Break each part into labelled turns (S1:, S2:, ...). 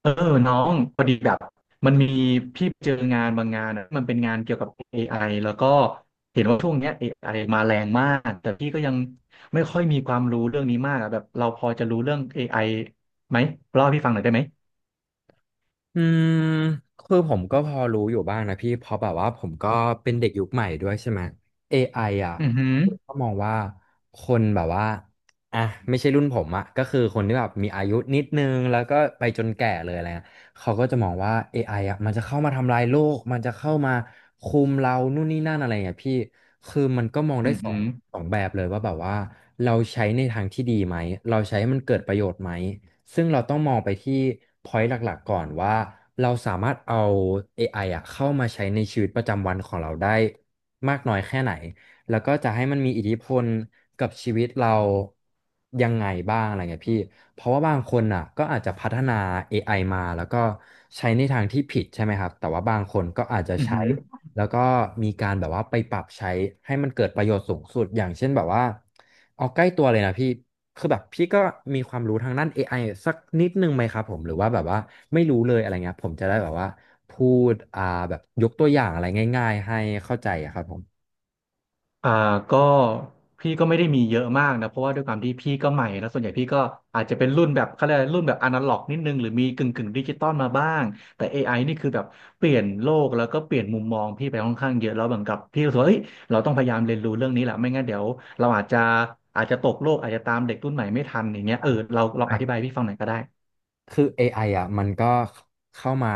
S1: เออน้องพอดีแบบมันมีพี่เจองานบางงานอะมันเป็นงานเกี่ยวกับ AI แล้วก็เห็นว่าช่วงเนี้ย AI มาแรงมากแต่พี่ก็ยังไม่ค่อยมีความรู้เรื่องนี้มากอะแบบเราพอจะรู้เรื่อง AIไหมเล่าให้พี่ฟังหน่อยได้ไหม
S2: อืมคือผมก็พอรู้อยู่บ้างนะพี่เพราะแบบว่าผมก็เป็นเด็กยุคใหม่ด้วยใช่ไหม AI อไออ่ะ
S1: อือหือ
S2: ผมก็มองว่าคนแบบว่าอ่ะไม่ใช่รุ่นผมอ่ะก็คือคนที่แบบมีอายุนิดนึงแล้วก็ไปจนแก่เลยอะไรเงี้ยเขาก็จะมองว่า AI อไออ่ะมันจะเข้ามาทำลายโลกมันจะเข้ามาคุมเรานู่นนี่นั่นอะไรเงี้ยพี่คือมันก็มองได้
S1: อือ
S2: สอ
S1: หื
S2: ง
S1: อ
S2: สองแบบเลยว่าแบบว่าเราใช้ในทางที่ดีไหมเราใช้ให้มันเกิดประโยชน์ไหม ซึ่งเราต้องมองไปที่ point หลักๆก่อนว่าเราสามารถเอา AI อไออะเข้ามาใช้ในชีวิตประจำวันของเราได้มากน้อยแค่ไหนแล้วก็จะให้มันมีอิทธิพลกับชีวิตเรายังไงบ้างอะไรเงี้ยพี่เพราะว่าบางคนอ่ะก็อาจจะพัฒนา AI มาแล้วก็ใช้ในทางที่ผิดใช่ไหมครับแต่ว่าบางคนก็อาจจะ
S1: อือ
S2: ใช้
S1: หือ
S2: แล้วก็มีการแบบว่าไปปรับใช้ให้มันเกิดประโยชน์สูงสุดอย่างเช่นแบบว่าเอาใกล้ตัวเลยนะพี่คือแบบพี่ก็มีความรู้ทางด้าน AI สักนิดนึงไหมครับผมหรือว่าแบบว่าไม่รู้เลยอะไรเงี้ยผมจะได้แบบว่าพูดแบบยกตัวอย่างอะไรง่ายๆให้เข้าใจอะครับผม
S1: อ่าก็พี่ก็ไม่ได้มีเยอะมากนะเพราะว่าด้วยความที่พี่ก็ใหม่แล้วส่วนใหญ่พี่ก็อาจจะเป็นรุ่นแบบเขาเรียกอะไรรุ่นแบบอนาล็อกนิดนึงหรือมีกึ่งดิจิตอลมาบ้างแต่ AI นี่คือแบบเปลี่ยนโลกแล้วก็เปลี่ยนมุมมองพี่ไปค่อนข้างเยอะแล้วเหมือนกับพี่รู้สึกว่าเอ้ยเราต้องพยายามเรียนรู้เรื่องนี้แหละไม่งั้นเดี๋ยวเราอาจจะตกโลกอาจจะตามเด็กรุ่นใหม่ไม่ทันอย่างเงี้ยเออเราลองอธิบายให้พี่ฟังหน่อยก็ได้
S2: คือ AI อไออ่ะมันก็เข้ามา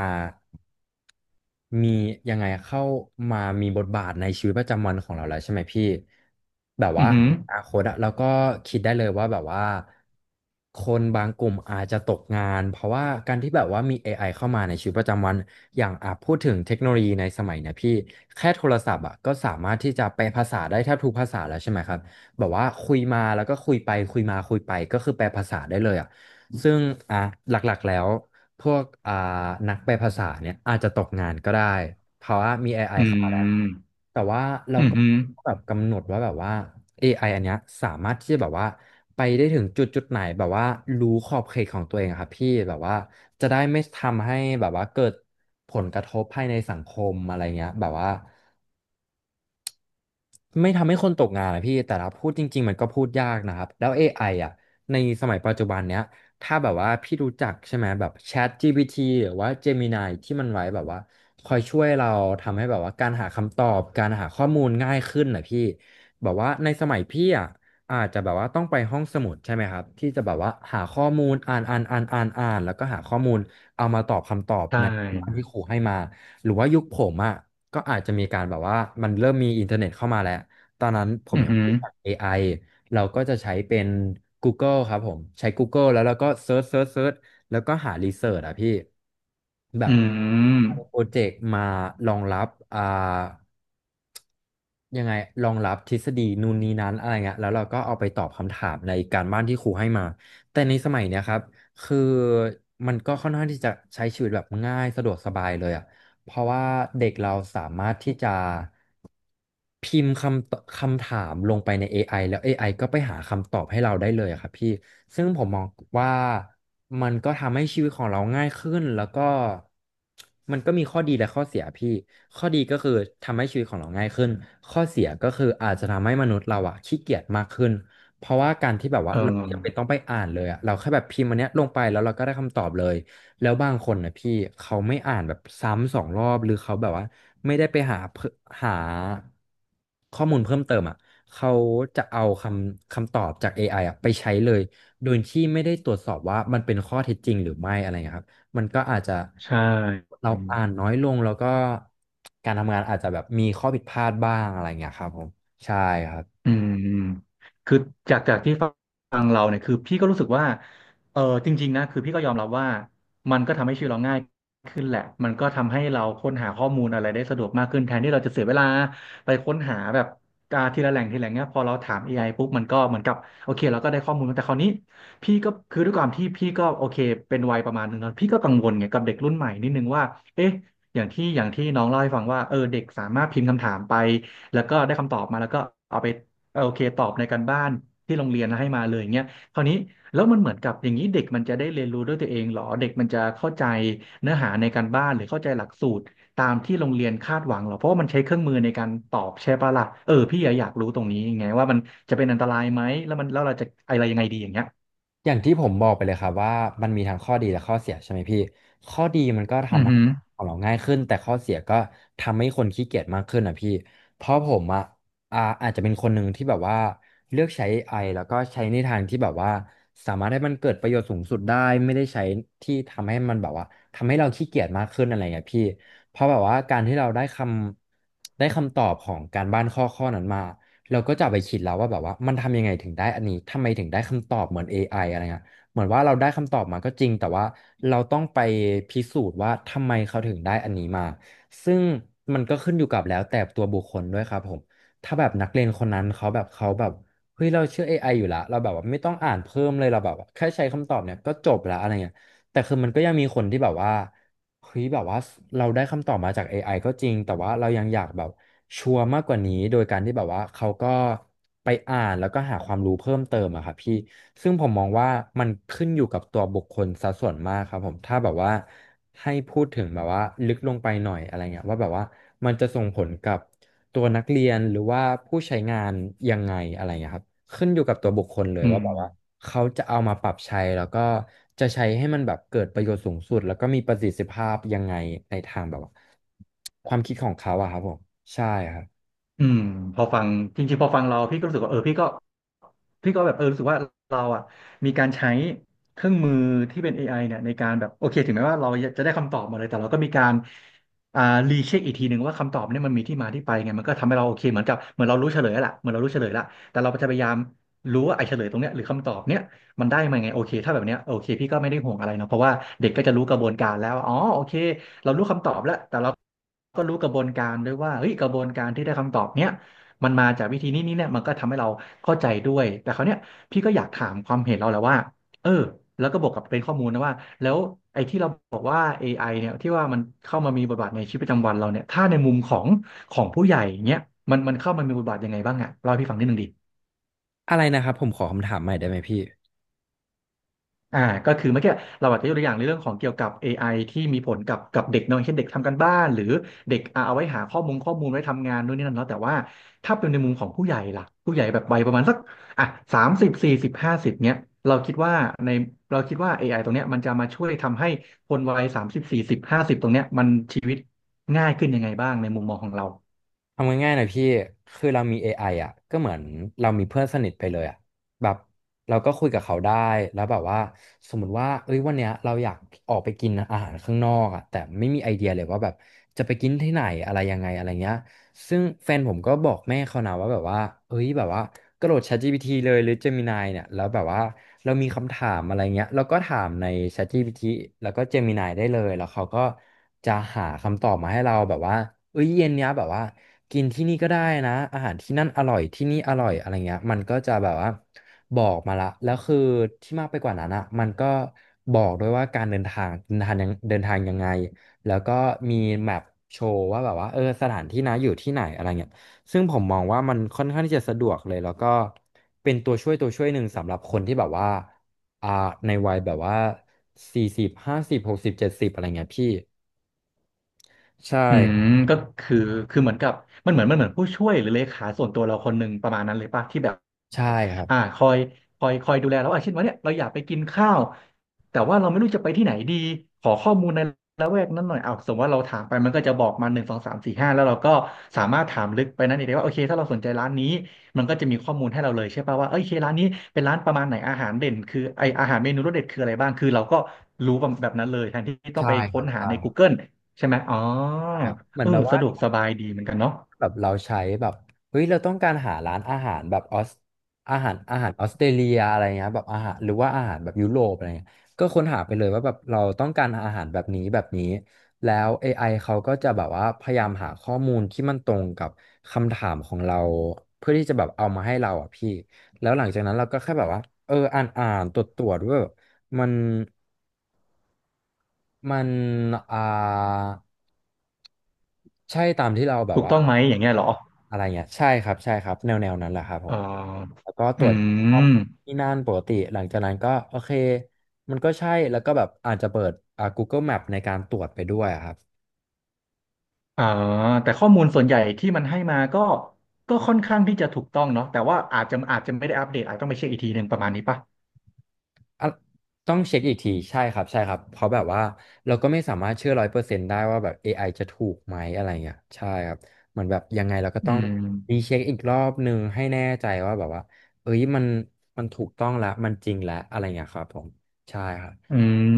S2: มีเข้ามามีบทบาทในชีวิตประจำวันของเราแล้วใช่ไหมพี่แบบ
S1: อื
S2: ว่า
S1: อหือ
S2: อนาคตอะเราก็คิดได้เลยว่าแบบว่าคนบางกลุ่มอาจจะตกงานเพราะว่าการที่แบบว่ามี AI เข้ามาในชีวิตประจำวันอย่างอ่ะพูดถึงเทคโนโลยีในสมัยเนี่ยพี่แค่โทรศัพท์อ่ะก็สามารถที่จะแปลภาษาได้แทบทุกภาษาแล้วใช่ไหมครับแบบว่าคุยมาแล้วก็คุยไปคุยมาคุยไปก็คือแปลภาษาได้เลยอ่ะ ซึ่งอ่ะหลักๆแล้วพวกนักแปลภาษาเนี่ยอาจจะตกงานก็ได้เพราะว่ามี AI
S1: อื
S2: เข้ามาแล้ว
S1: ม
S2: แต่ว่าเรา
S1: อือ
S2: ก็
S1: หือ
S2: แบบกำหนดว่าแบบว่า AI อไออันเนี้ยสามารถที่จะแบบว่าไปได้ถึงจุดไหนแบบว่ารู้ขอบเขตของตัวเองอะครับพี่แบบว่าจะได้ไม่ทำให้แบบว่าเกิดผลกระทบภายในสังคมอะไรเงี้ยแบบว่า ไม่ทำให้คนตกงานนะพี่ แต่ถ้าพูดจริงๆมันก็พูดยากนะครับ แล้ว AI อไออ่ะในสมัยปัจจุบันเนี้ยถ้าแบบว่าพี่รู้จักใช่ไหมแบบ Chat GPT หรือว่า Gemini ที่มันไว้แบบว่าคอยช่วยเราทำให้แบบว่าการหาคำตอบ การหาข้อมูลง่ายขึ้นนะพี่แบบว่าในสมัยพี่อ่ะอาจจะแบบว่าต้องไปห้องสมุดใช่ไหมครับที่จะแบบว่าหาข้อมูลอ่านอ่านอ่านอ่านอ่านแล้วก็หาข้อมูลเอามาตอบคำตอบ
S1: ใช่
S2: ในคำถามที่ครูให้มาหรือว่ายุคผมอ่ะ ก็อาจจะมีการแบบว่ามันเริ่มมีอินเทอร์เน็ตเข้ามาแล้ว ตอนนั้นผ
S1: อื
S2: ม
S1: อ
S2: ยัง
S1: หือ
S2: พูดกเอ AI เราก็จะใช้เป็น Google ครับผม ใช้ Google แล้วเราก็เซิร์ชแล้วก็หารีเสิร์ชอะพี่ แบ
S1: อื
S2: บ
S1: ม
S2: โปรเจกต์มารองรับยังไงรองรับทฤษฎีนู่นนี่นั้นอะไรเงี้ยแล้วเราก็เอาไปตอบคำถามในการบ้านที่ครูให้มา แต่ในสมัยเนี้ยครับ คือมันก็ค่อนข้างที่จะใช้ชีวิตแบบง่ายสะดวกสบายเลยอ่ะ เพราะว่าเด็กเราสามารถที่จะพิมพ์คำถามลงไปใน AI แล้ว AI ก็ไปหาคำตอบให้เราได้เลยอะครับพี่ซึ่งผมมองว่ามันก็ทำให้ชีวิตของเราง่ายขึ้นแล้วก็มันก็มีข้อดีและข้อเสียพี่ข้อดีก็คือทำให้ชีวิตของเราง่ายขึ้นข้อเสียก็คืออาจจะทำให้มนุษย์เราอะขี้เกียจมากขึ้นเพราะว่าการที่แบบว่า
S1: เอ
S2: เราจำเป็นต้อ
S1: อ
S2: งไปอ่านเลยอะเราแค่แบบพิมพ์อันเนี้ยลงไปแล้วเราก็ได้คำตอบเลย แล้วบางคนนะพี่เขาไม่อ่านแบบซ้ำสองรอบหรือเขาแบบว่าไม่ได้ไปหาเพิ่มหาข้อมูลเพิ่มเติมอ่ะเขาจะเอาคำตอบจาก AI อไออ่ะไปใช้เลยโดยที่ไม่ได้ตรวจสอบว่ามันเป็นข้อเท็จจริงหรือไม่อะไรเงี้ยครับมันก็อาจจะ
S1: ใช่
S2: เราอ่านน้อยลงแล้วก็การทำงานอาจจะแบบมีข้อผิดพลาดบ้างอะไรเงี้ยครับผมใช่ครับ
S1: อืมอืมคือจากที่ฟังเราเนี่ยคือพี่ก็รู้สึกว่าเออจริงๆนะคือพี่ก็ยอมรับว่ามันก็ทำให้ชีวิตเราง่ายขึ้นแหละมันก็ทำให้เราค้นหาข้อมูลอะไรได้สะดวกมากขึ้นแทนที่เราจะเสียเวลาไปค้นหาแบบทีละแหล่งทีละแหล่งเนี้ยพอเราถาม a อไอปุ๊บมันก็เหมือนกับโอเคเราก็ได้ข้อมูลแต่คราวนี้พี่ก็คือด้วยความที่พี่ก็โอเคเป็นวัยประมาณหนึ่งแล้วพี่ก็กังวลไงกับเด็กรุ่นใหม่นิดนึงว่าเอ๊ะอย่างที่น้องเล่าให้ฟังว่าเออเด็กสามารถพิมพ์คำถามไปแล้วก็ได้คำตอบมาแล้วก็เอาไป เออโอเคตอบในการบ้านที่โรงเรียนให้มาเลยเงี้ยคราวนี้แล้วมันเหมือนกับอย่างนี้เด็กมันจะได้เรียนรู้ด้วยตัวเองเหรอเด็กมันจะเข้าใจเนื้อหาในการบ้านหรือเข้าใจหลักสูตรตามที่โรงเรียนคาดหวังเหรอเพราะว่ามันใช้เครื่องมือในการตอบใช่ปะล่ะเออพี่อยากรู้ตรงนี้ไงว่ามันจะเป็นอันตรายไหมแล้วมันแล้วเราจะอะไรยังไงดีอย่างเงี้ย
S2: อย่างที่ผมบอกไปเลยครับว่ามันมีทั้งข้อดีและข้อเสียใช่ไหมพี่ข้อดีมันก็
S1: อื
S2: ทำ
S1: อ
S2: ให้
S1: หือ
S2: ของเราง่ายขึ้นแต่ข้อเสียก็ทำให้คนขี้เกียจมากขึ้นอ่ะพี่เพราะผมอ่ะอาจจะเป็นคนหนึ่งที่แบบว่าเลือกใช้เอไอแล้วก็ใช้ในทางที่แบบว่าสามารถให้มันเกิดประโยชน์สูงสุดได้ไม่ได้ใช้ที่ทำให้มันแบบว่าทำให้เราขี้เกียจมากขึ้นอะไรเงี้ยพี่เพราะแบบว่าการที่เราได้คำตอบของการบ้านข้อนั้นมา เราก็จะเอาไปคิดแล้วว่าแบบว่ามันทำยังไงถึงได้อันนี้ ทำไมถึงได้คำตอบเหมือน AI อไออะไรเงี้ยเหมือนว่าเราได้คำตอบมาก็จริงแต่ว่าเราต้องไปพิสูจน์ว่าทำไมเขาถึงได้อันนี้มา ซึ่งมันก็ขึ้นอยู่กับแล้วแต่ตัวบุคคลด้วยครับผมถ้าแบบนักเรียนคนนั้นเขาแบบเฮ้ยเราเชื่อ AI อไออยู่ละเราแบบว่าไม่ต้องอ่านเพิ่มเลยเราแบบว่าแค่ใช้คำตอบเนี่ยก็จบละอะไรเงี้ย แต่คือมันก็ยังมีคนที่แบบว่าเฮ้ยแบบว่าเราได้คำตอบมาจาก AI ก็จริงแต่ว่าเรายังอยากแบบชัวร์มากกว่านี้โดยการที่แบบว่าเขาก็ไปอ่านแล้วก็หาความรู้เพิ่มเติมอะครับพี่ซึ่งผมมองว่ามันขึ้นอยู่กับตัวบุคคลซะส่วนมากครับผมถ้าแบบว่าให้พูดถึงแบบว่าลึกลงไปหน่อยอะไรเงี้ยว่าแบบว่ามันจะส่งผลกับ ตัวนักเรียนหรือว่าผู้ใช้งานยังไงอะไรเงี้ยครับขึ้นอยู่กับตัวบุคคลเลย
S1: อื
S2: ว่า
S1: ม
S2: แบบว่าเขาจะเอามาปรับใช้แล้วก็จะใช้ให้มันแบบเกิดประโยชน์สูงสุดแล้วก็มีประสิทธิภาพยังไงในทางแบบว่าความคิดของเขาอะครับผมใช่ครับ
S1: อืมพอฟังจริงๆพอฟังเราพี่ก็รู้สึกว่าเออพี่ก็แบบเออรู้สึกว่าเราอ่ะมีการใช้เครื่องมือที่เป็น AI เนี่ยในการแบบโอเคถึงแม้ว่าเราจะได้คำตอบมาเลยแต่เราก็มีการอ่ารีเช็คอีกทีหนึ่งว่าคำตอบเนี่ยมันมีที่มาที่ไปไงมันก็ทำให้เราโอเคเหมือนกับเหมือนเรารู้เฉลยแล้วล่ะเหมือนเรารู้เฉลยละแต่เราจะพยายามรู้ว่าไอ้เฉลยตรงเนี้ยหรือคำตอบเนี้ย มันได้มาไงโอเคถ้าแบบเนี้ยโอเคพี่ก็ไม่ได้ห่วงอะไรเนาะเพราะว่าเด็กก็จะรู้กระบวนการแล้วอ๋อโอเคเรารู้คำตอบแล้วแต่เราก็รู้กระบวนการด้วยว่าเฮ้ยกระบวนการที่ได้คำตอบเนี้ยมันมาจากวิธีนี้นี่เนี่ยมันก็ทำให้เราเข้าใจด้วยแต่คราวเนี้ยพี่ก็อยากถามความเห็นเราแหละว่าเออแล้วก็บวกกับเป็นข้อมูลนะว่าแล้วไอ้ที่เราบอกว่า AI เนี่ยที่ว่ามันเข้ามามีบทบาทในชีวิตประจำวันเราเนี่ยถ้าในมุมของผู้ใหญ่เนี้ยมันเข้ามามีบทบาทยังไงบ้างอะเล่าให้พี่ฟังนิดนึงดิ
S2: อะไรนะครับผมขอคำถามใหม่ได้ไหมพี่
S1: อ่าก็คือเมื่อกี้เราอาจจะยกตัวอย่างในเรื่องของเกี่ยวกับ AI ที่มีผลกับเด็กเนาะเช่นเด็กทำการบ้านหรือเด็กเอาไว้หาข้อมูลไว้ทำงานนู่นนี่นั่นเนาะแต่ว่าถ้าเป็นในมุมของผู้ใหญ่ล่ะผู้ใหญ่แบบวัยประมาณสักอ่ะสามสิบสี่สิบห้าสิบเนี้ยเราคิดว่าในเราคิดว่า AI ตรงเนี้ยมันจะมาช่วยทำให้คนวัยสามสิบสี่สิบห้าสิบตรงเนี้ยชีวิตง่ายขึ้นยังไงบ้างในมุมมองของเรา
S2: ทำง่ายๆหน่อยพี่ คือเรามี AI อไออ่ะก็เหมือนเรามีเพื่อนสนิทไปเลยอ่ะแบบเราก็คุยกับเขาได้ แล้วแบบว่าสมมติว่าเอ้ยวันเนี้ยเราอยากออกไปกินอาหารข้างนอกอ่ะแต่ไม่มีไอเดียเลยว่าแบบจะไปกินที่ไหนอะไรยังไงอะไรเงี้ย ซึ่งแฟนผมก็บอกแม่เขานะว่าแบบว่าเอ้ยแบบว่ากระโดด ChatGPT เลยหรือ Gemini เนี่ยแล้วแบบว่าเรามีคำถามอะไรเงี้ยเราก็ถามใน ChatGPT แล้วก็ Gemini ได้เลยแล้วเขาก็จะหาคำตอบมาให้เราแบบว่าเอ้ยเย็นเนี้ยแบบว่ากินที่นี่ก็ได้นะ อาหารที่นั่นอร่อย ที่นี่อร่อยอะไรเงี้ยมันก็จะแบบว่าบอกมาละแล้วคือที่มากไปกว่านั้นอ่ะมันก็บอกด้วยว่าการเดินทางเดินทางยังเดินทางยังไง แล้วก็มีแมปโชว์ว่าแบบว่าเออสถานที่นะอยู่ที่ไหนอะไรเงี้ยซึ่งผมมองว่ามันค่อนข้างที่จะสะดวกเลย แล้วก็เป็นตัวช่วยหนึ่งสำหรับคนที่แบบว่าอ่าในวัยแบบว่า40 50 60 70อะไรเงี้ยพี่ใช่
S1: อืมก็คือคือเหมือนกับมันเหมือนผู้ช่วยหรือเลขาส่วนตัวเราคนหนึ่งประมาณนั้นเลยป่ะที่แบบ
S2: ใช่ครับ
S1: คอยคอยดูแลเราอ่ะเช่นว่าเนี่ยเราอยากไปกินข้าวแต่ว่าเราไม่รู้จะไปที่ไหนดีขอข้อมูลในละแวกนั้นหน่อยอ้าวสมมติว่าเราถามไปมันก็จะบอกมา1 2 3 4 5แล้วเราก็สามารถถามลึกไปนั้นเองได้ว่าโอเคถ้าเราสนใจร้านนี้มันก็จะมีข้อมูลให้เราเลยใช่ป่ะว่าเอ้ยโอเคร้านนี้เป็นร้านประมาณไหนอาหารเด่นคือไออาหารเมนูรสเด็ดคืออะไรบ้างคือเราก็รู้แบบนั้นเลยแทนที่ต้อง
S2: ใช่
S1: ไป
S2: ค
S1: ค้
S2: รั
S1: น
S2: บ
S1: หา
S2: ใช่
S1: ใน
S2: ครับ
S1: Google ใช่ไหมอ๋อ
S2: ใช่ครับเหมือ
S1: เอ
S2: นแบ
S1: อ
S2: บว่า
S1: สะดวกสบายดีเหมือนกันเนาะ
S2: แบบเราใช้แบบเฮ้ยเราต้องการหาร้านอาหารแบบออสอาหารออสเตรเลียอะไรเงี้ยแบบอาหารหรือว่าอาหารแบบยุโรปอะไรเงี้ยก็ค้นหาไปเลยว่าแบบเราต้องการอาหารแบบนี้แบบนี้แล้ว AI เขาก็จะแบบว่าพยายามหาข้อมูลที่มันตรงกับคำถามของเราเพื่อที่จะแบบเอามาให้เราอ่ะพี่แล้วหลังจากนั้นเราก็แค่แบบว่าเอออ่านตรวจว่าแบบมันมันอ่า ใช่ตามที่เราแบบ
S1: ถูก
S2: ว่า
S1: ต้องไหมอย่างเงี้ยเหรอ
S2: อะไรเงี้ยใช่ครับใช่ครับแนวนั้นแหละครับผ
S1: อ๋
S2: ม
S1: อ
S2: แล้วก็ต
S1: อื
S2: รวจสอบ
S1: ม
S2: ที่นั่นปกติหลังจากนั้นก็โอเคมันก็ใช่แล้วก็แบบอาจจะเปิดGoogle Map ในการตรวจไปด้วยอะครับ
S1: อ่าแต่ข้อมูลส่วนใหญ่ที่มันให้มาก็ค่อนข้างที่จะถูกต้องเนาะแต่ว่าอาจจะไม่ได้อัปเดตอาจต้องไปเช็คอีกทีหนึ่งประมาณนี้ป่ะ
S2: อ่ะต้องเช็คอีกทีใช่ครับใช่ครับเพราะแบบว่าเราก็ไม่สามารถเชื่อ100%ได้ว่าแบบ AI จะถูกไหมอะไรเงี้ยใช่ครับเหมือนแบบยังไงเราก็
S1: อื
S2: ต้องรี
S1: ม
S2: เช็คอีกรอบหนึ่งให้แน่ใจว่าแบบว่าเอ้ยมันถูกต้องแล้วมันจริงแล้วอะไรเงี้ยครับผมใช่ครับ
S1: อื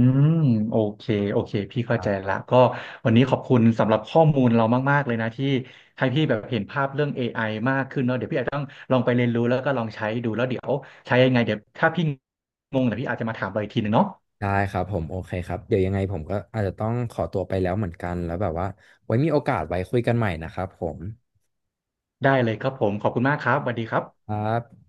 S1: มโอเคโอเคพี่
S2: ค
S1: เข้า
S2: รั
S1: ใจ
S2: บ
S1: ละก็วันนี้ขอบคุณสำหรับข้อมูลเรามากๆเลยนะที่ให้พี่แบบเห็นภาพเรื่องเอไอมากขึ้นเนาะเดี๋ยวพี่อาจจะต้องลองไปเรียนรู้แล้วก็ลองใช้ดูแล้วเดี๋ยวใช้ยังไงเดี๋ยวถ้าพี่งงเดี๋ยวพี่อาจจะมาถามเราอีกทีหนึ่งเนาะ
S2: ได้ครับผมโอเคครับเดี๋ยวยังไงผมก็อาจจะต้องขอตัวไปแล้วเหมือนกันแล้วแบบว่าไว้มีโอกาสไว้คุยกันใหม่นะครับผม
S1: ได้เลยครับผมขอบคุณมากครับสวัสดีครับ
S2: ครับ